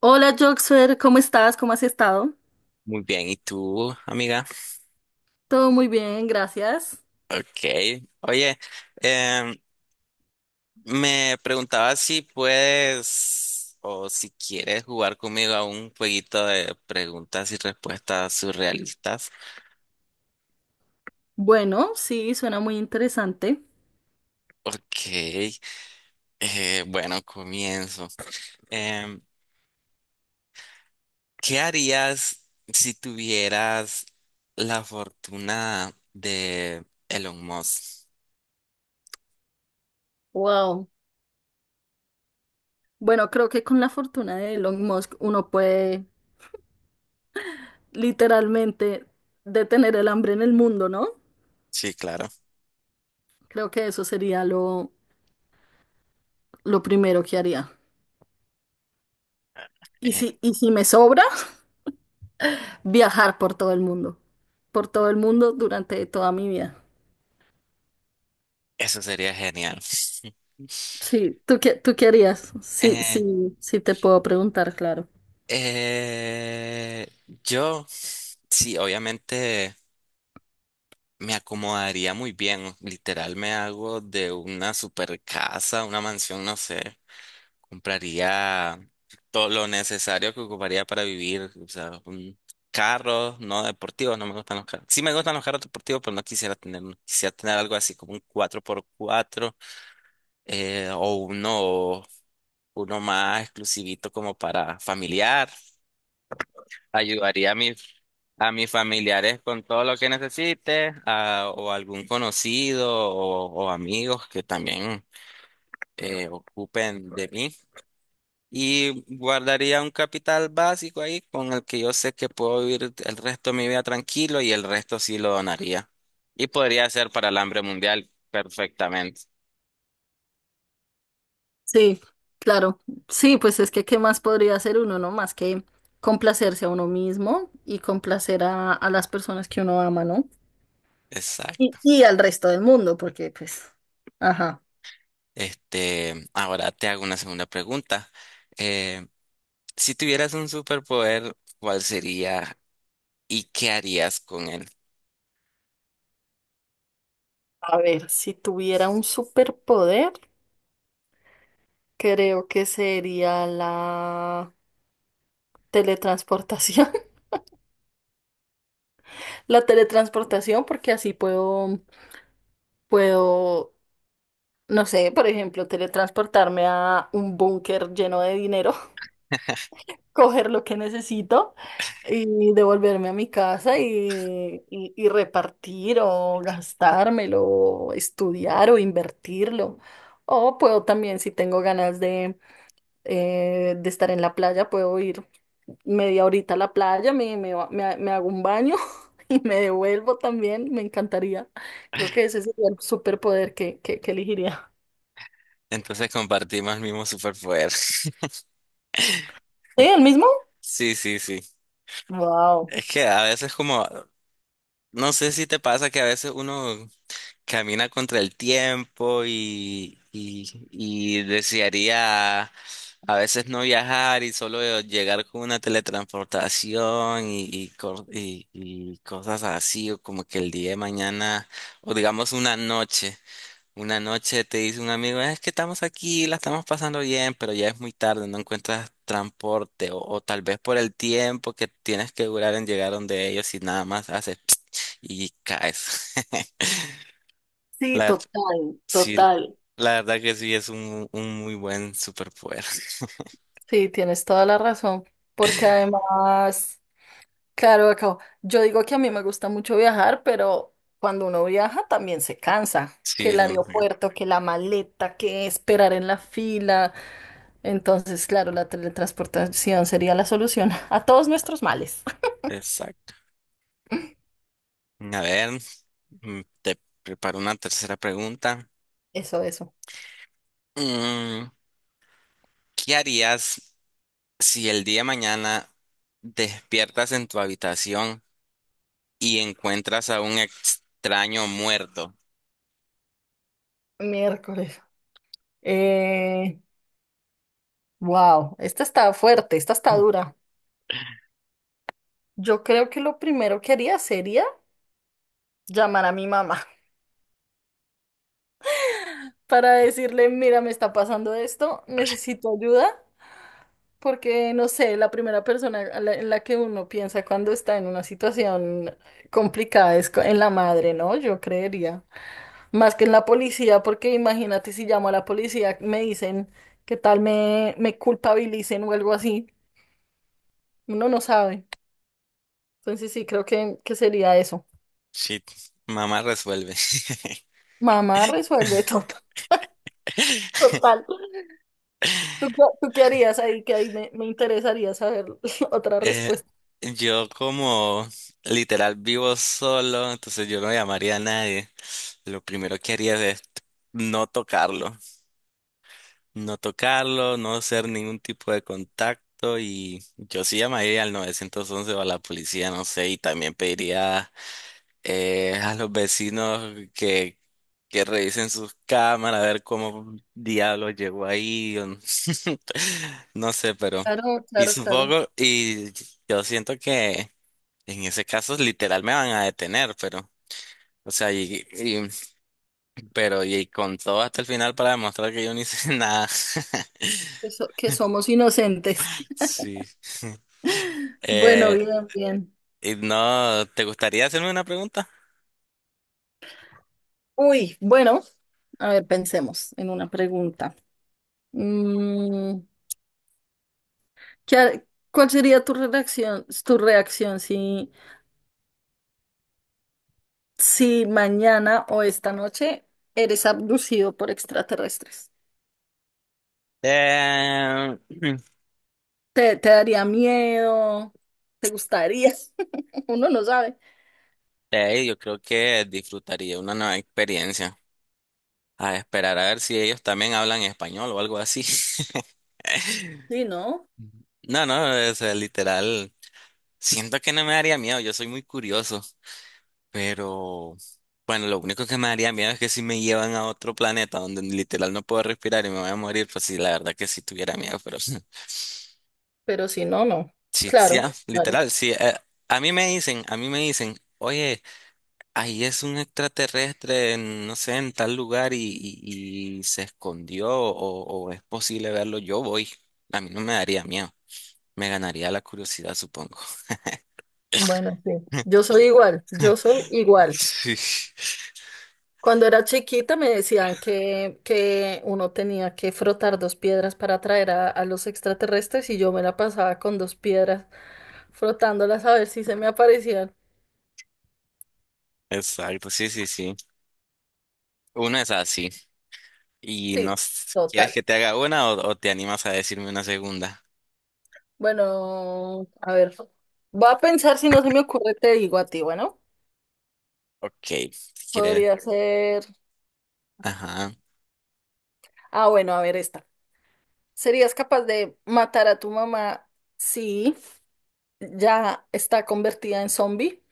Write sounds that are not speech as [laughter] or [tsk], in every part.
Hola Joxfer, ¿cómo estás? ¿Cómo has estado? Muy bien, ¿y tú, amiga? Todo muy bien, gracias. Ok. Oye, em, me preguntaba si puedes o si quieres jugar conmigo a un jueguito de preguntas y respuestas surrealistas. Bueno, sí, suena muy interesante. Ok. Bueno, comienzo. Em, ¿Qué harías si tuvieras la fortuna de Elon Musk? Wow. Bueno, creo que con la fortuna de Elon Musk uno puede literalmente detener el hambre en el mundo, ¿no? Sí, claro. Creo que eso sería lo primero que haría. Y Eh, si, y si me sobra, [laughs] viajar por todo el mundo. Por todo el mundo durante toda mi vida. eso sería genial. [laughs] Sí, ¿tú qué harías? Sí, sí, Eh, sí te puedo preguntar, claro. Eh, yo, sí, obviamente me acomodaría muy bien. Literal, me hago de una super casa, una mansión, no sé. Compraría todo lo necesario que ocuparía para vivir. O sea, un carro, no deportivo, no me gustan los carros. Sí me gustan los carros deportivos, pero no quisiera tener uno. Quisiera tener algo así como un cuatro por cuatro o uno más exclusivito como para familiar. Ayudaría a a mis familiares con todo lo que necesite, o algún conocido o amigos que también ocupen de mí. Y guardaría un capital básico ahí con el que yo sé que puedo vivir el resto de mi vida tranquilo y el resto sí lo donaría. Y podría ser para el hambre mundial perfectamente. Sí, claro. Sí, pues es que qué más podría hacer uno, ¿no? Más que complacerse a uno mismo y complacer a las personas que uno ama, ¿no? Exacto. Y al resto del mundo, porque pues, ajá. Este, ahora te hago una segunda pregunta. Eh, si tuvieras un superpoder, ¿cuál sería? ¿Y qué harías con él? A ver, si tuviera un superpoder, creo que sería la teletransportación. [laughs] La teletransportación, porque así puedo, no sé, por ejemplo, teletransportarme a un búnker lleno de dinero [laughs] coger lo que necesito y devolverme a mi casa y, y repartir o gastármelo, o estudiar o invertirlo. O puedo también, si tengo ganas de estar en la playa, puedo ir media horita a la playa, me, ba- me ha- me hago un baño [laughs] y me devuelvo también. Me encantaría. Creo que ese sería el superpoder que elegiría. Entonces compartimos el mismo superpoder. [laughs] ¿Sí? ¿El mismo? Sí, sí, sí. Wow. Es que no sé si te pasa que a veces uno camina contra el tiempo y desearía a veces no viajar y solo llegar con una teletransportación y cosas así, o como que el día de mañana, o digamos una noche. Una noche te dice un amigo, es que estamos aquí, la estamos pasando bien, pero ya es muy tarde, no encuentras transporte o tal vez por el tiempo que tienes que durar en llegar donde ellos y nada más haces [tsk] y caes. [laughs] Sí, La, ver- total, sí, total. la verdad que sí es un muy buen superpoder. [laughs] Sí, tienes toda la razón, porque además, claro, yo digo que a mí me gusta mucho viajar, pero cuando uno viaja también se cansa, que Sí, el no sé. aeropuerto, que la maleta, que esperar en la fila. Entonces, claro, la teletransportación sería la solución [laughs] a todos nuestros males. Exacto. A ver, te preparo una tercera pregunta. Eso, eso. Mm, ¿Qué harías si el día de mañana despiertas en tu habitación y encuentras a un extraño muerto? Miércoles. Eh, wow, esta está fuerte, esta está dura. Yo creo que lo primero que haría sería llamar a mi mamá, para decirle, mira, me está pasando esto, necesito ayuda, porque no sé, la primera persona en la que uno piensa cuando está en una situación complicada en la madre, ¿no? Yo creería, más que en la policía, porque imagínate si llamo a la policía, me dicen que tal me culpabilicen o algo así, uno no sabe. Entonces sí, creo que sería eso. Shit, mamá resuelve. [laughs] Mamá resuelve todo. [laughs] Total. ¿Tú qué harías ahí? Que ahí me interesaría saber [laughs] otra Eh, respuesta. yo como literal vivo solo, entonces yo no llamaría a nadie. Lo primero que haría es no tocarlo, no tocarlo, no hacer ningún tipo de contacto y yo sí llamaría al 911 o a la policía, no sé, y también pediría a los vecinos que revisen sus cámaras, a ver cómo diablos llegó ahí, o no, [laughs] no sé, pero, Claro, y claro, claro, supongo, y yo siento que en ese caso literal me van a detener, pero, o sea, y con todo hasta el final para demostrar que yo no hice [laughs] nada. [laughs] Que somos inocentes. [laughs] Sí. Bueno, Eh, bien, bien. y no, ¿te gustaría hacerme una pregunta? Uy, bueno, a ver, pensemos en una pregunta. Mm, ¿qué ha- ¿cuál sería tu reacción si, si mañana o esta noche eres abducido por extraterrestres? Eh, ¿Te daría miedo? ¿Te gustaría? [laughs] Uno no sabe. Yo creo que disfrutaría una nueva experiencia. A esperar a ver si ellos también hablan español o algo así. [laughs] Sí, no, No, no, o sea, literal. Siento que no me daría miedo, yo soy muy curioso, pero bueno, lo único que me daría miedo es que si me llevan a otro planeta donde literal no puedo respirar y me voy a morir, pues sí, la verdad que sí tuviera miedo, pero [laughs] sí, pero si no, no. sí, Claro, ah, claro. literal, sí. A mí me dicen, a mí me dicen, oye, ahí es un extraterrestre, en, no sé, en tal lugar y se escondió o es posible verlo, yo voy. A mí no me daría miedo, me ganaría la curiosidad, supongo. Bueno, sí. Yo soy igual, yo soy igual. [laughs] Sí, Cuando era chiquita me decían que uno tenía que frotar dos piedras para atraer a los extraterrestres y yo me la pasaba con dos piedras frotándolas a ver si se me aparecían. exacto, sí, sí, sí. Una es así. ¿Y no Sí, s- total. Quieres que te haga una o te animas a decirme una segunda? Bueno, a ver, voy a pensar si no se me ocurre, te digo a ti, bueno, Ok, si quieres. podría ser. Ajá. Ah, bueno, a ver esta. ¿Serías capaz de matar a tu mamá si ya está convertida en zombie?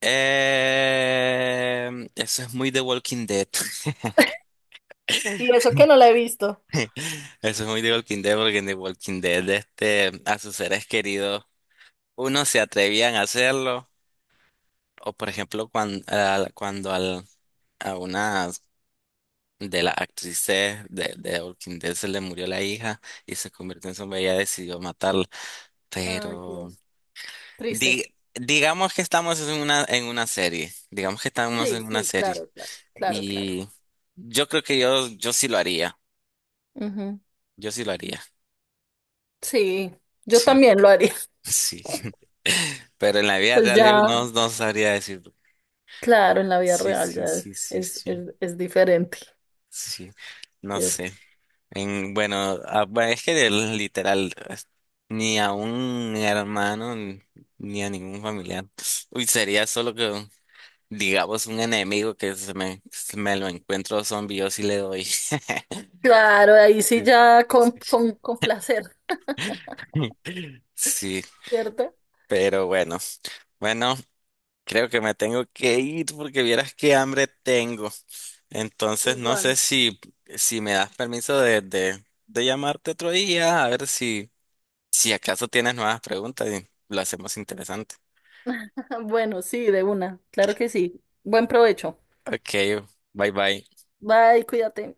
Eso es muy The Walking Dead. Y eso que [laughs] no la he visto. [laughs] Eso es muy de Walking Dead, porque en The Walking Dead, este, a sus seres queridos, unos se atrevían a hacerlo, o por ejemplo, cuando a una de las actrices de Walking Dead se le murió la hija y se convirtió en zombie, ella decidió matarla. Ay, Pero Dios. Triste. di- digamos que estamos en una serie, digamos que estamos Sí, en una sí, serie, claro, claro, claro, claro. y yo creo que yo sí lo haría, Ujú. yo sí lo haría. Sí, yo Sí. también lo haría. [laughs] Sí. [laughs] Pero en la vida Pues real yo ya, no, no sabría decir. claro, en la vida Sí, real sí, ya sí, sí, sí. Es diferente, Sí. No ¿cierto? sé. En, bueno, ah, bueno, es que del- literal, es- ni a un hermano, ni ni a ningún familiar. Uy, sería solo que, digamos, un enemigo que se me lo encuentro zombie, yo sí le doy. Claro, ahí sí Sí, ya sí. Sí, con placer, [laughs] sí, ¿cierto? pero bueno. Bueno, creo que me tengo que ir porque vieras qué hambre tengo. Entonces, no sé Igual. si, si me das permiso de llamarte otro día, a ver si, si acaso tienes nuevas preguntas y lo hacemos interesante. [laughs] Bueno, sí, de una, claro que sí. Buen provecho. Ok, bye bye. Bye, cuídate.